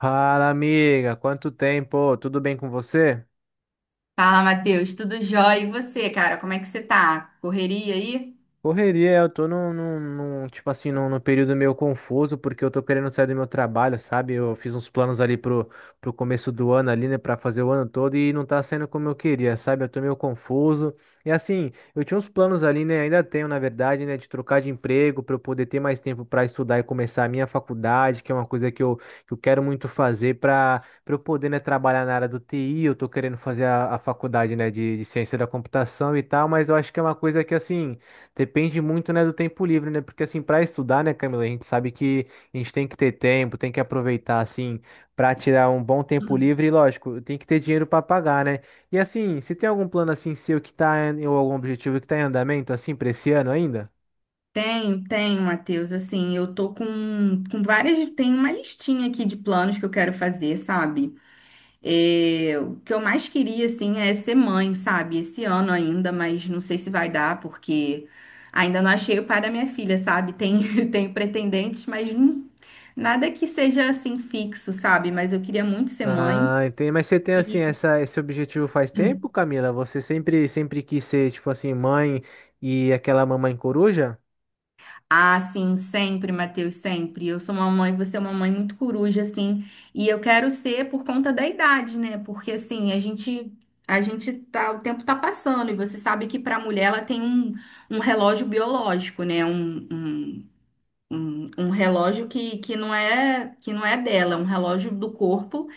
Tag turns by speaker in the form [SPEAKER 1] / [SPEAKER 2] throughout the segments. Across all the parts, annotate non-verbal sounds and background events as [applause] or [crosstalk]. [SPEAKER 1] Fala, amiga, quanto tempo? Tudo bem com você?
[SPEAKER 2] Fala, Matheus, tudo jóia? E você, cara, como é que você tá? Correria aí?
[SPEAKER 1] Correria, eu tô tipo assim, num período meio confuso, porque eu tô querendo sair do meu trabalho, sabe? Eu fiz uns planos ali pro começo do ano ali, né, pra fazer o ano todo e não tá saindo como eu queria, sabe? Eu tô meio confuso. E assim, eu tinha uns planos ali, né, ainda tenho, na verdade, né, de trocar de emprego pra eu poder ter mais tempo pra estudar e começar a minha faculdade, que é uma coisa que eu quero muito fazer pra eu poder, né, trabalhar na área do TI. Eu tô querendo fazer a faculdade, né, de ciência da computação e tal, mas eu acho que é uma coisa que, assim, depende muito, né, do tempo livre, né? Porque assim, para estudar, né, Camila, a gente sabe que a gente tem que ter tempo, tem que aproveitar assim para tirar um bom tempo livre e lógico, tem que ter dinheiro para pagar, né? E assim, se tem algum plano assim seu que tá em, ou algum objetivo que tá em andamento assim para esse ano ainda?
[SPEAKER 2] Tenho, tenho, Matheus. Assim, eu tô com várias. Tem uma listinha aqui de planos que eu quero fazer, sabe? O que eu mais queria, assim, é ser mãe, sabe? Esse ano ainda, mas não sei se vai dar, porque ainda não achei o pai da minha filha, sabe? Tem, [laughs] tem pretendentes, nada que seja, assim, fixo, sabe? Mas eu queria muito ser mãe.
[SPEAKER 1] Ah, entendi. Mas você tem assim esse objetivo faz tempo, Camila? Você sempre quis ser tipo assim mãe e aquela mamãe coruja?
[SPEAKER 2] Ah, sim, sempre, Matheus, sempre. Eu sou uma mãe, você é uma mãe muito coruja, assim, e eu quero ser por conta da idade, né? Porque assim, a gente tá, o tempo tá passando, e você sabe que para a mulher ela tem um, um relógio biológico, né? Um relógio que não é dela, é um relógio do corpo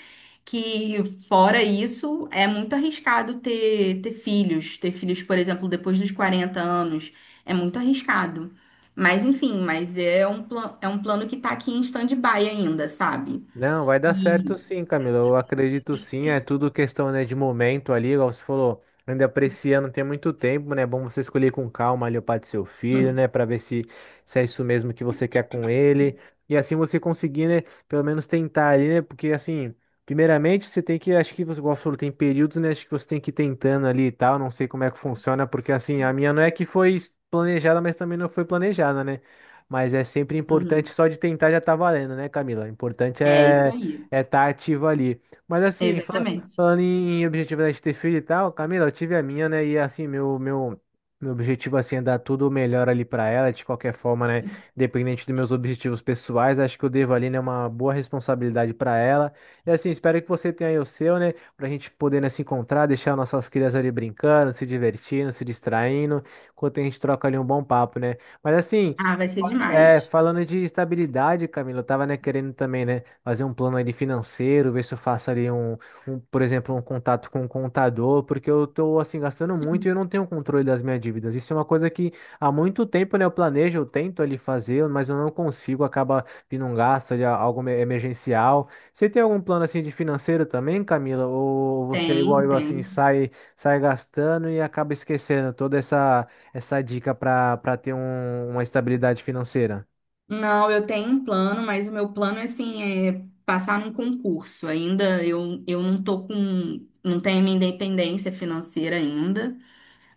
[SPEAKER 2] que fora isso, é muito arriscado ter filhos. Ter filhos, por exemplo, depois dos 40 anos, é muito arriscado. Mas enfim, mas é é um plano que tá aqui em stand-by ainda, sabe?
[SPEAKER 1] Não, vai dar certo
[SPEAKER 2] E
[SPEAKER 1] sim, Camilo. Eu acredito sim. É tudo questão, né, de momento ali, igual você falou. Ainda pra esse ano tem muito tempo, né? É bom você escolher com calma ali o pai do seu filho, né? Pra ver se é isso mesmo que você quer com ele. E assim você conseguir, né? Pelo menos tentar ali, né? Porque assim, primeiramente você tem que, acho que você, igual você falou, tem períodos, né? Acho que você tem que ir tentando ali e tal. Não sei como é que funciona, porque assim, a minha não é que foi planejada, mas também não foi planejada, né? Mas é sempre importante,
[SPEAKER 2] uhum.
[SPEAKER 1] só de tentar já tá valendo, né, Camila? O importante
[SPEAKER 2] É isso
[SPEAKER 1] é
[SPEAKER 2] aí.
[SPEAKER 1] é estar ativo ali. Mas assim,
[SPEAKER 2] Exatamente.
[SPEAKER 1] falando em objetivo, né, de ter filho e tal, Camila, eu tive a minha, né? E assim, meu objetivo assim, é dar tudo o melhor ali pra ela, de qualquer forma, né? Independente dos meus objetivos pessoais, acho que eu devo ali, né, uma boa responsabilidade pra ela. E assim, espero que você tenha aí o seu, né? Pra gente poder, né, se encontrar, deixar nossas crianças ali brincando, se divertindo, se distraindo, enquanto a gente troca ali um bom papo, né? Mas assim.
[SPEAKER 2] Ah, vai ser
[SPEAKER 1] É,
[SPEAKER 2] demais.
[SPEAKER 1] falando de estabilidade, Camilo, eu tava, né, querendo também, né, fazer um plano ali financeiro, ver se eu faço ali um, um, por exemplo, um contato com um contador, porque eu tô, assim, gastando muito e eu não tenho controle das minhas dívidas. Isso é uma coisa que há muito tempo, né, eu planejo, eu tento ali fazer, mas eu não consigo, acaba vindo um gasto ali, algo emergencial. Você tem algum plano, assim, de financeiro também, Camila? Ou você é
[SPEAKER 2] tem
[SPEAKER 1] igual eu, assim,
[SPEAKER 2] tem
[SPEAKER 1] sai gastando e acaba esquecendo toda essa dica para ter uma estabilidade financeira?
[SPEAKER 2] Não, eu tenho um plano, mas o meu plano, assim, é passar num concurso. Ainda eu não tô com, não tenho minha independência financeira ainda.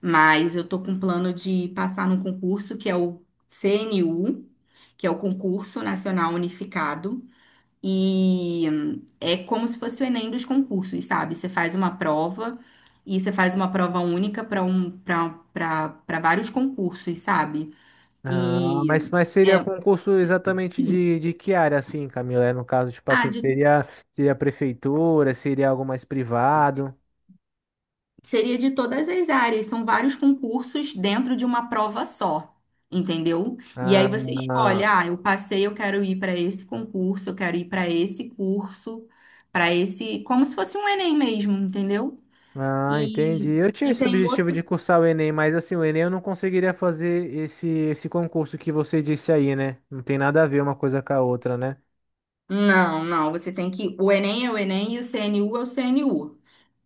[SPEAKER 2] Mas eu tô com um plano de passar num concurso que é o CNU, que é o Concurso Nacional Unificado. E é como se fosse o Enem dos concursos, sabe? Você faz uma prova e você faz uma prova única para um, para vários concursos, sabe?
[SPEAKER 1] Ah, mas,
[SPEAKER 2] E
[SPEAKER 1] mas seria
[SPEAKER 2] é,
[SPEAKER 1] concurso exatamente de que área, assim, Camila? É, no caso, tipo
[SPEAKER 2] ah,
[SPEAKER 1] assim,
[SPEAKER 2] de.
[SPEAKER 1] seria prefeitura, seria algo mais privado?
[SPEAKER 2] Seria de todas as áreas, são vários concursos dentro de uma prova só, entendeu? E aí você
[SPEAKER 1] Ah,
[SPEAKER 2] escolhe, ah, eu passei, eu quero ir para esse concurso, eu quero ir para esse curso, para esse, como se fosse um Enem mesmo, entendeu?
[SPEAKER 1] ah, entendi.
[SPEAKER 2] E,
[SPEAKER 1] Eu tinha
[SPEAKER 2] e
[SPEAKER 1] esse
[SPEAKER 2] tem um
[SPEAKER 1] objetivo de
[SPEAKER 2] outro.
[SPEAKER 1] cursar o Enem, mas assim, o Enem eu não conseguiria fazer esse concurso que você disse aí, né? Não tem nada a ver uma coisa com a outra, né?
[SPEAKER 2] Não, não, você tem que. O Enem é o Enem e o CNU é o CNU.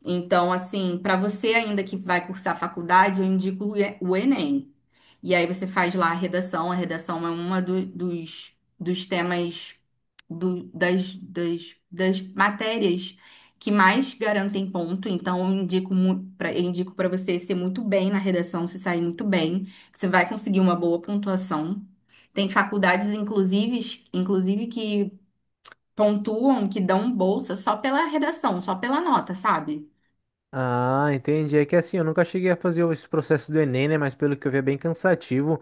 [SPEAKER 2] Então, assim, para você ainda que vai cursar faculdade, eu indico o E- o Enem. E aí você faz lá a redação. A redação é dos, dos temas das, das matérias que mais garantem ponto. Então, eu indico para indico para você ser muito bem na redação, se sair muito bem, que você vai conseguir uma boa pontuação. Tem faculdades, inclusive que pontuam, que dão bolsa só pela redação, só pela nota, sabe?
[SPEAKER 1] Ah, entendi. É que assim, eu nunca cheguei a fazer esse processo do Enem, né? Mas pelo que eu vi é bem cansativo.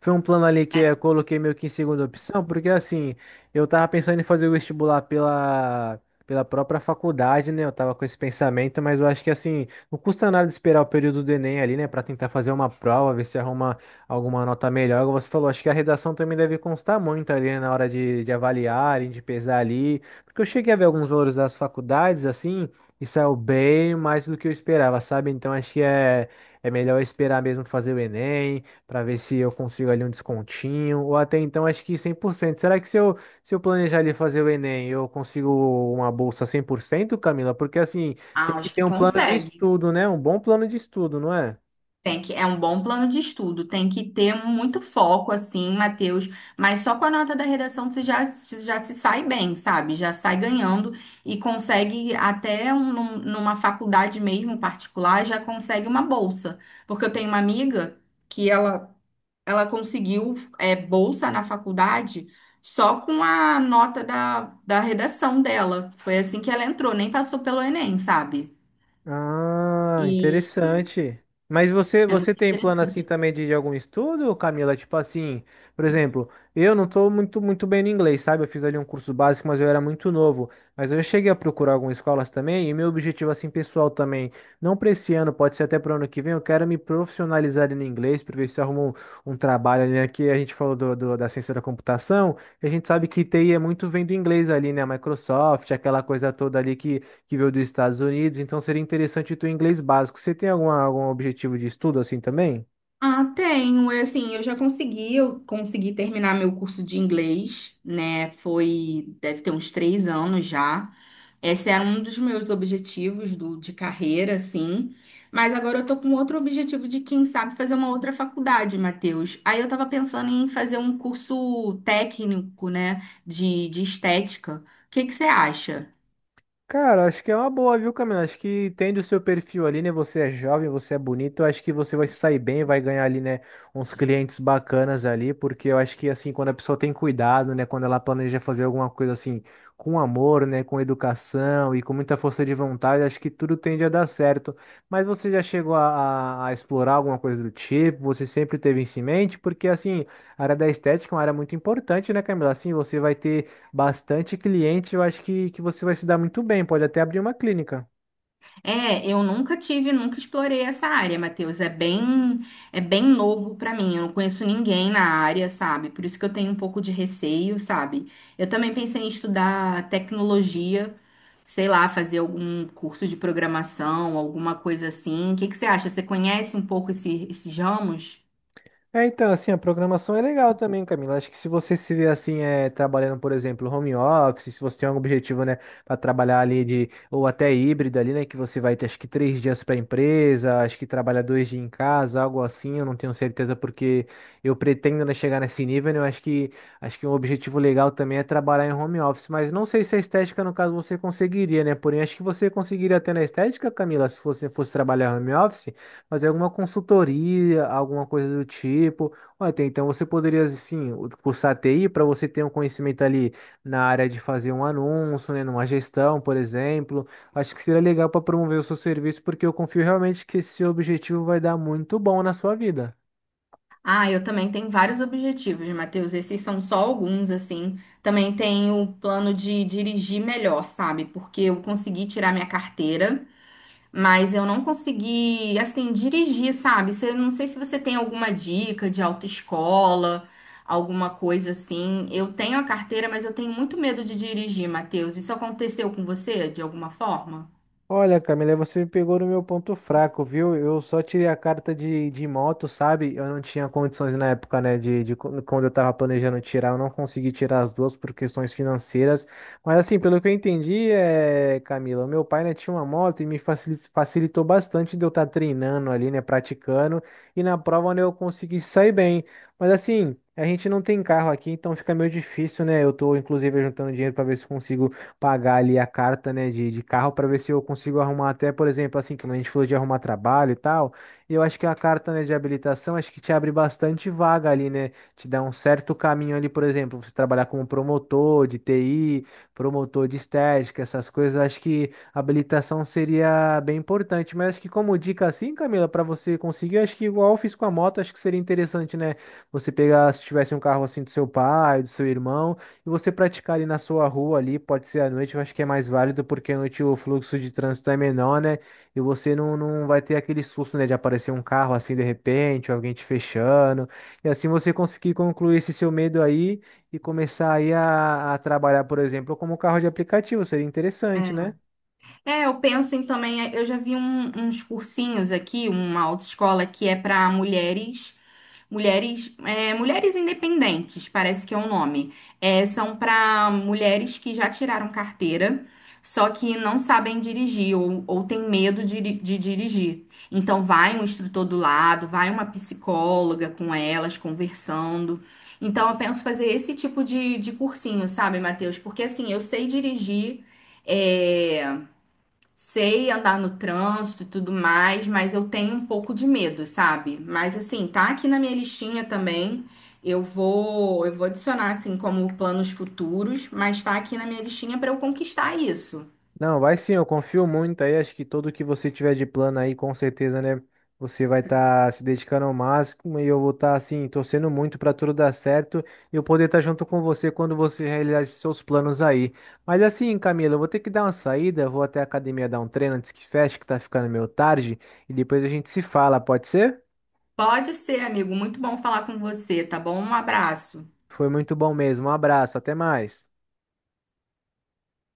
[SPEAKER 1] Foi um plano ali que eu coloquei meio que em segunda opção, porque assim, eu tava pensando em fazer o vestibular pela própria faculdade, né? Eu tava com esse pensamento, mas eu acho que assim, não custa nada esperar o período do Enem ali, né? Pra tentar fazer uma prova, ver se arruma alguma nota melhor. Como você falou, acho que a redação também deve constar muito ali, né? Na hora de avaliar, de pesar ali. Porque eu cheguei a ver alguns valores das faculdades, assim. E saiu bem mais do que eu esperava, sabe? Então acho que é melhor esperar mesmo fazer o Enem, para ver se eu consigo ali um descontinho, ou até então acho que 100%. Será que se eu planejar ali fazer o Enem, eu consigo uma bolsa 100%, Camila? Porque assim, tem
[SPEAKER 2] Ah,
[SPEAKER 1] que
[SPEAKER 2] acho
[SPEAKER 1] ter
[SPEAKER 2] que
[SPEAKER 1] um plano de
[SPEAKER 2] consegue.
[SPEAKER 1] estudo, né? Um bom plano de estudo, não é?
[SPEAKER 2] Tem que, é um bom plano de estudo. Tem que ter muito foco, assim, Matheus. Mas só com a nota da redação você já se sai bem, sabe? Já sai ganhando e consegue até numa faculdade mesmo particular, já consegue uma bolsa. Porque eu tenho uma amiga que ela, ela conseguiu bolsa na faculdade só com a nota da redação dela. Foi assim que ela entrou, nem passou pelo Enem, sabe?
[SPEAKER 1] Ah,
[SPEAKER 2] E
[SPEAKER 1] interessante. Mas você,
[SPEAKER 2] é
[SPEAKER 1] você
[SPEAKER 2] muito
[SPEAKER 1] tem plano assim
[SPEAKER 2] interessante.
[SPEAKER 1] também de algum estudo, Camila? Tipo assim, por exemplo, eu não tô muito, muito bem no inglês, sabe? Eu fiz ali um curso básico, mas eu era muito novo. Mas eu cheguei a procurar algumas escolas também, e meu objetivo assim pessoal também, não para esse ano, pode ser até para o ano que vem, eu quero me profissionalizar ali no inglês, para ver se eu arrumo um trabalho ali, né? Que a gente falou da ciência da computação, e a gente sabe que TI é muito vem do inglês ali, né? Microsoft, aquela coisa toda ali que veio dos Estados Unidos, então seria interessante o teu inglês básico. Você tem algum objetivo de estudo assim também?
[SPEAKER 2] Ah, tenho. Assim, eu consegui terminar meu curso de inglês, né? Foi, deve ter uns 3 anos já. Esse era um dos meus objetivos do, de carreira, assim. Mas agora eu tô com outro objetivo de, quem sabe, fazer uma outra faculdade, Matheus. Aí eu tava pensando em fazer um curso técnico, né? De estética. O que que você acha?
[SPEAKER 1] Cara, acho que é uma boa, viu, Camila? Acho que entende o seu perfil ali, né? Você é jovem, você é bonito. Eu Acho que você vai se sair bem, vai ganhar ali, né? Uns clientes bacanas ali, porque eu acho que, assim, quando a pessoa tem cuidado, né? Quando ela planeja fazer alguma coisa assim, com amor, né? Com educação e com muita força de vontade, acho que tudo tende a dar certo. Mas você já chegou a explorar alguma coisa do tipo? Você sempre teve isso em mente? Porque, assim, a área da estética é uma área muito importante, né, Camila? Assim, você vai ter bastante cliente, eu acho que você vai se dar muito bem, pode até abrir uma clínica.
[SPEAKER 2] É, eu nunca tive, nunca explorei essa área, Matheus. É bem novo pra mim. Eu não conheço ninguém na área, sabe? Por isso que eu tenho um pouco de receio, sabe? Eu também pensei em estudar tecnologia, sei lá, fazer algum curso de programação, alguma coisa assim. O que que você acha? Você conhece um pouco esses ramos?
[SPEAKER 1] É, então, assim, a programação é legal também, Camila. Acho que se você se vê assim, é, trabalhando, por exemplo, home office, se você tem algum objetivo, né, para trabalhar ali de, ou até híbrido ali, né, que você vai ter acho que três dias para a empresa, acho que trabalha dois dias em casa, algo assim, eu não tenho certeza porque eu pretendo, né, chegar nesse nível, né, eu acho que um objetivo legal também é trabalhar em home office, mas não sei se a estética, no caso, você conseguiria, né, porém acho que você conseguiria até na estética, Camila, se você fosse trabalhar home office, fazer alguma consultoria, alguma coisa do tipo. Olha, então você poderia, assim, cursar TI para você ter um conhecimento ali na área de fazer um anúncio, né, numa gestão, por exemplo. Acho que seria legal para promover o seu serviço, porque eu confio realmente que esse objetivo vai dar muito bom na sua vida.
[SPEAKER 2] Ah, eu também tenho vários objetivos, Matheus. Esses são só alguns, assim. Também tenho o plano de dirigir melhor, sabe? Porque eu consegui tirar minha carteira. Mas eu não consegui, assim, dirigir, sabe? Você, não sei se você tem alguma dica de autoescola, alguma coisa assim. Eu tenho a carteira, mas eu tenho muito medo de dirigir, Matheus. Isso aconteceu com você de alguma forma?
[SPEAKER 1] Olha, Camila, você me pegou no meu ponto fraco, viu? Eu só tirei a carta de moto, sabe? Eu não tinha condições na época, né? De quando eu tava planejando tirar, eu não consegui tirar as duas por questões financeiras. Mas assim, pelo que eu entendi, é, Camila, meu pai, né, tinha uma moto e me facilitou bastante de eu estar treinando ali, né? Praticando. E na prova, né, eu consegui sair bem. Mas assim. A gente não tem carro aqui, então fica meio difícil, né? Eu tô, inclusive, juntando dinheiro para ver se consigo pagar ali a carta, né, de carro para ver se eu consigo arrumar até, por exemplo, assim, como a gente falou de arrumar trabalho e tal, e eu acho que a carta, né, de habilitação, acho que te abre bastante vaga ali, né, te dá um certo caminho ali, por exemplo, você trabalhar como promotor de TI, promotor de estética, essas coisas, eu acho que a habilitação seria bem importante, mas acho que como dica assim, Camila, para você conseguir, acho que igual eu fiz com a moto, acho que seria interessante, né, você pegar, se tivesse um carro assim do seu pai, do seu irmão, e você praticar ali na sua rua ali, pode ser à noite, eu acho que é mais válido, porque à noite o fluxo de trânsito é menor, né? E você não vai ter aquele susto, né, de aparecer um carro assim de repente, ou alguém te fechando. E assim você conseguir concluir esse seu medo aí e começar aí a trabalhar, por exemplo, como carro de aplicativo, seria interessante, né?
[SPEAKER 2] É, eu penso em também, é, eu já vi um- uns cursinhos aqui, uma autoescola que é para mulheres, mulheres independentes, parece que é o nome. É, são para mulheres que já tiraram carteira, só que não sabem dirigir ou têm medo de, de dirigir. Então vai um instrutor do lado, vai uma psicóloga com elas conversando. Então eu penso fazer esse tipo de cursinho, sabe, Matheus? Porque assim, eu sei dirigir. É... Sei andar no trânsito e tudo mais, mas eu tenho um pouco de medo, sabe? Mas assim, tá aqui na minha listinha também. Eu vou adicionar assim como planos futuros, mas tá aqui na minha listinha para eu conquistar isso.
[SPEAKER 1] Não, vai sim, eu confio muito aí. Acho que tudo que você tiver de plano aí, com certeza, né? Você vai estar se dedicando ao máximo e eu vou estar, assim, torcendo muito para tudo dar certo e eu poder estar junto com você quando você realizar esses seus planos aí. Mas assim, Camila, eu vou ter que dar uma saída, eu vou até a academia dar um treino antes que feche, que tá ficando meio tarde, e depois a gente se fala, pode ser?
[SPEAKER 2] Pode ser, amigo. Muito bom falar com você, tá bom? Um abraço.
[SPEAKER 1] Foi muito bom mesmo. Um abraço, até mais.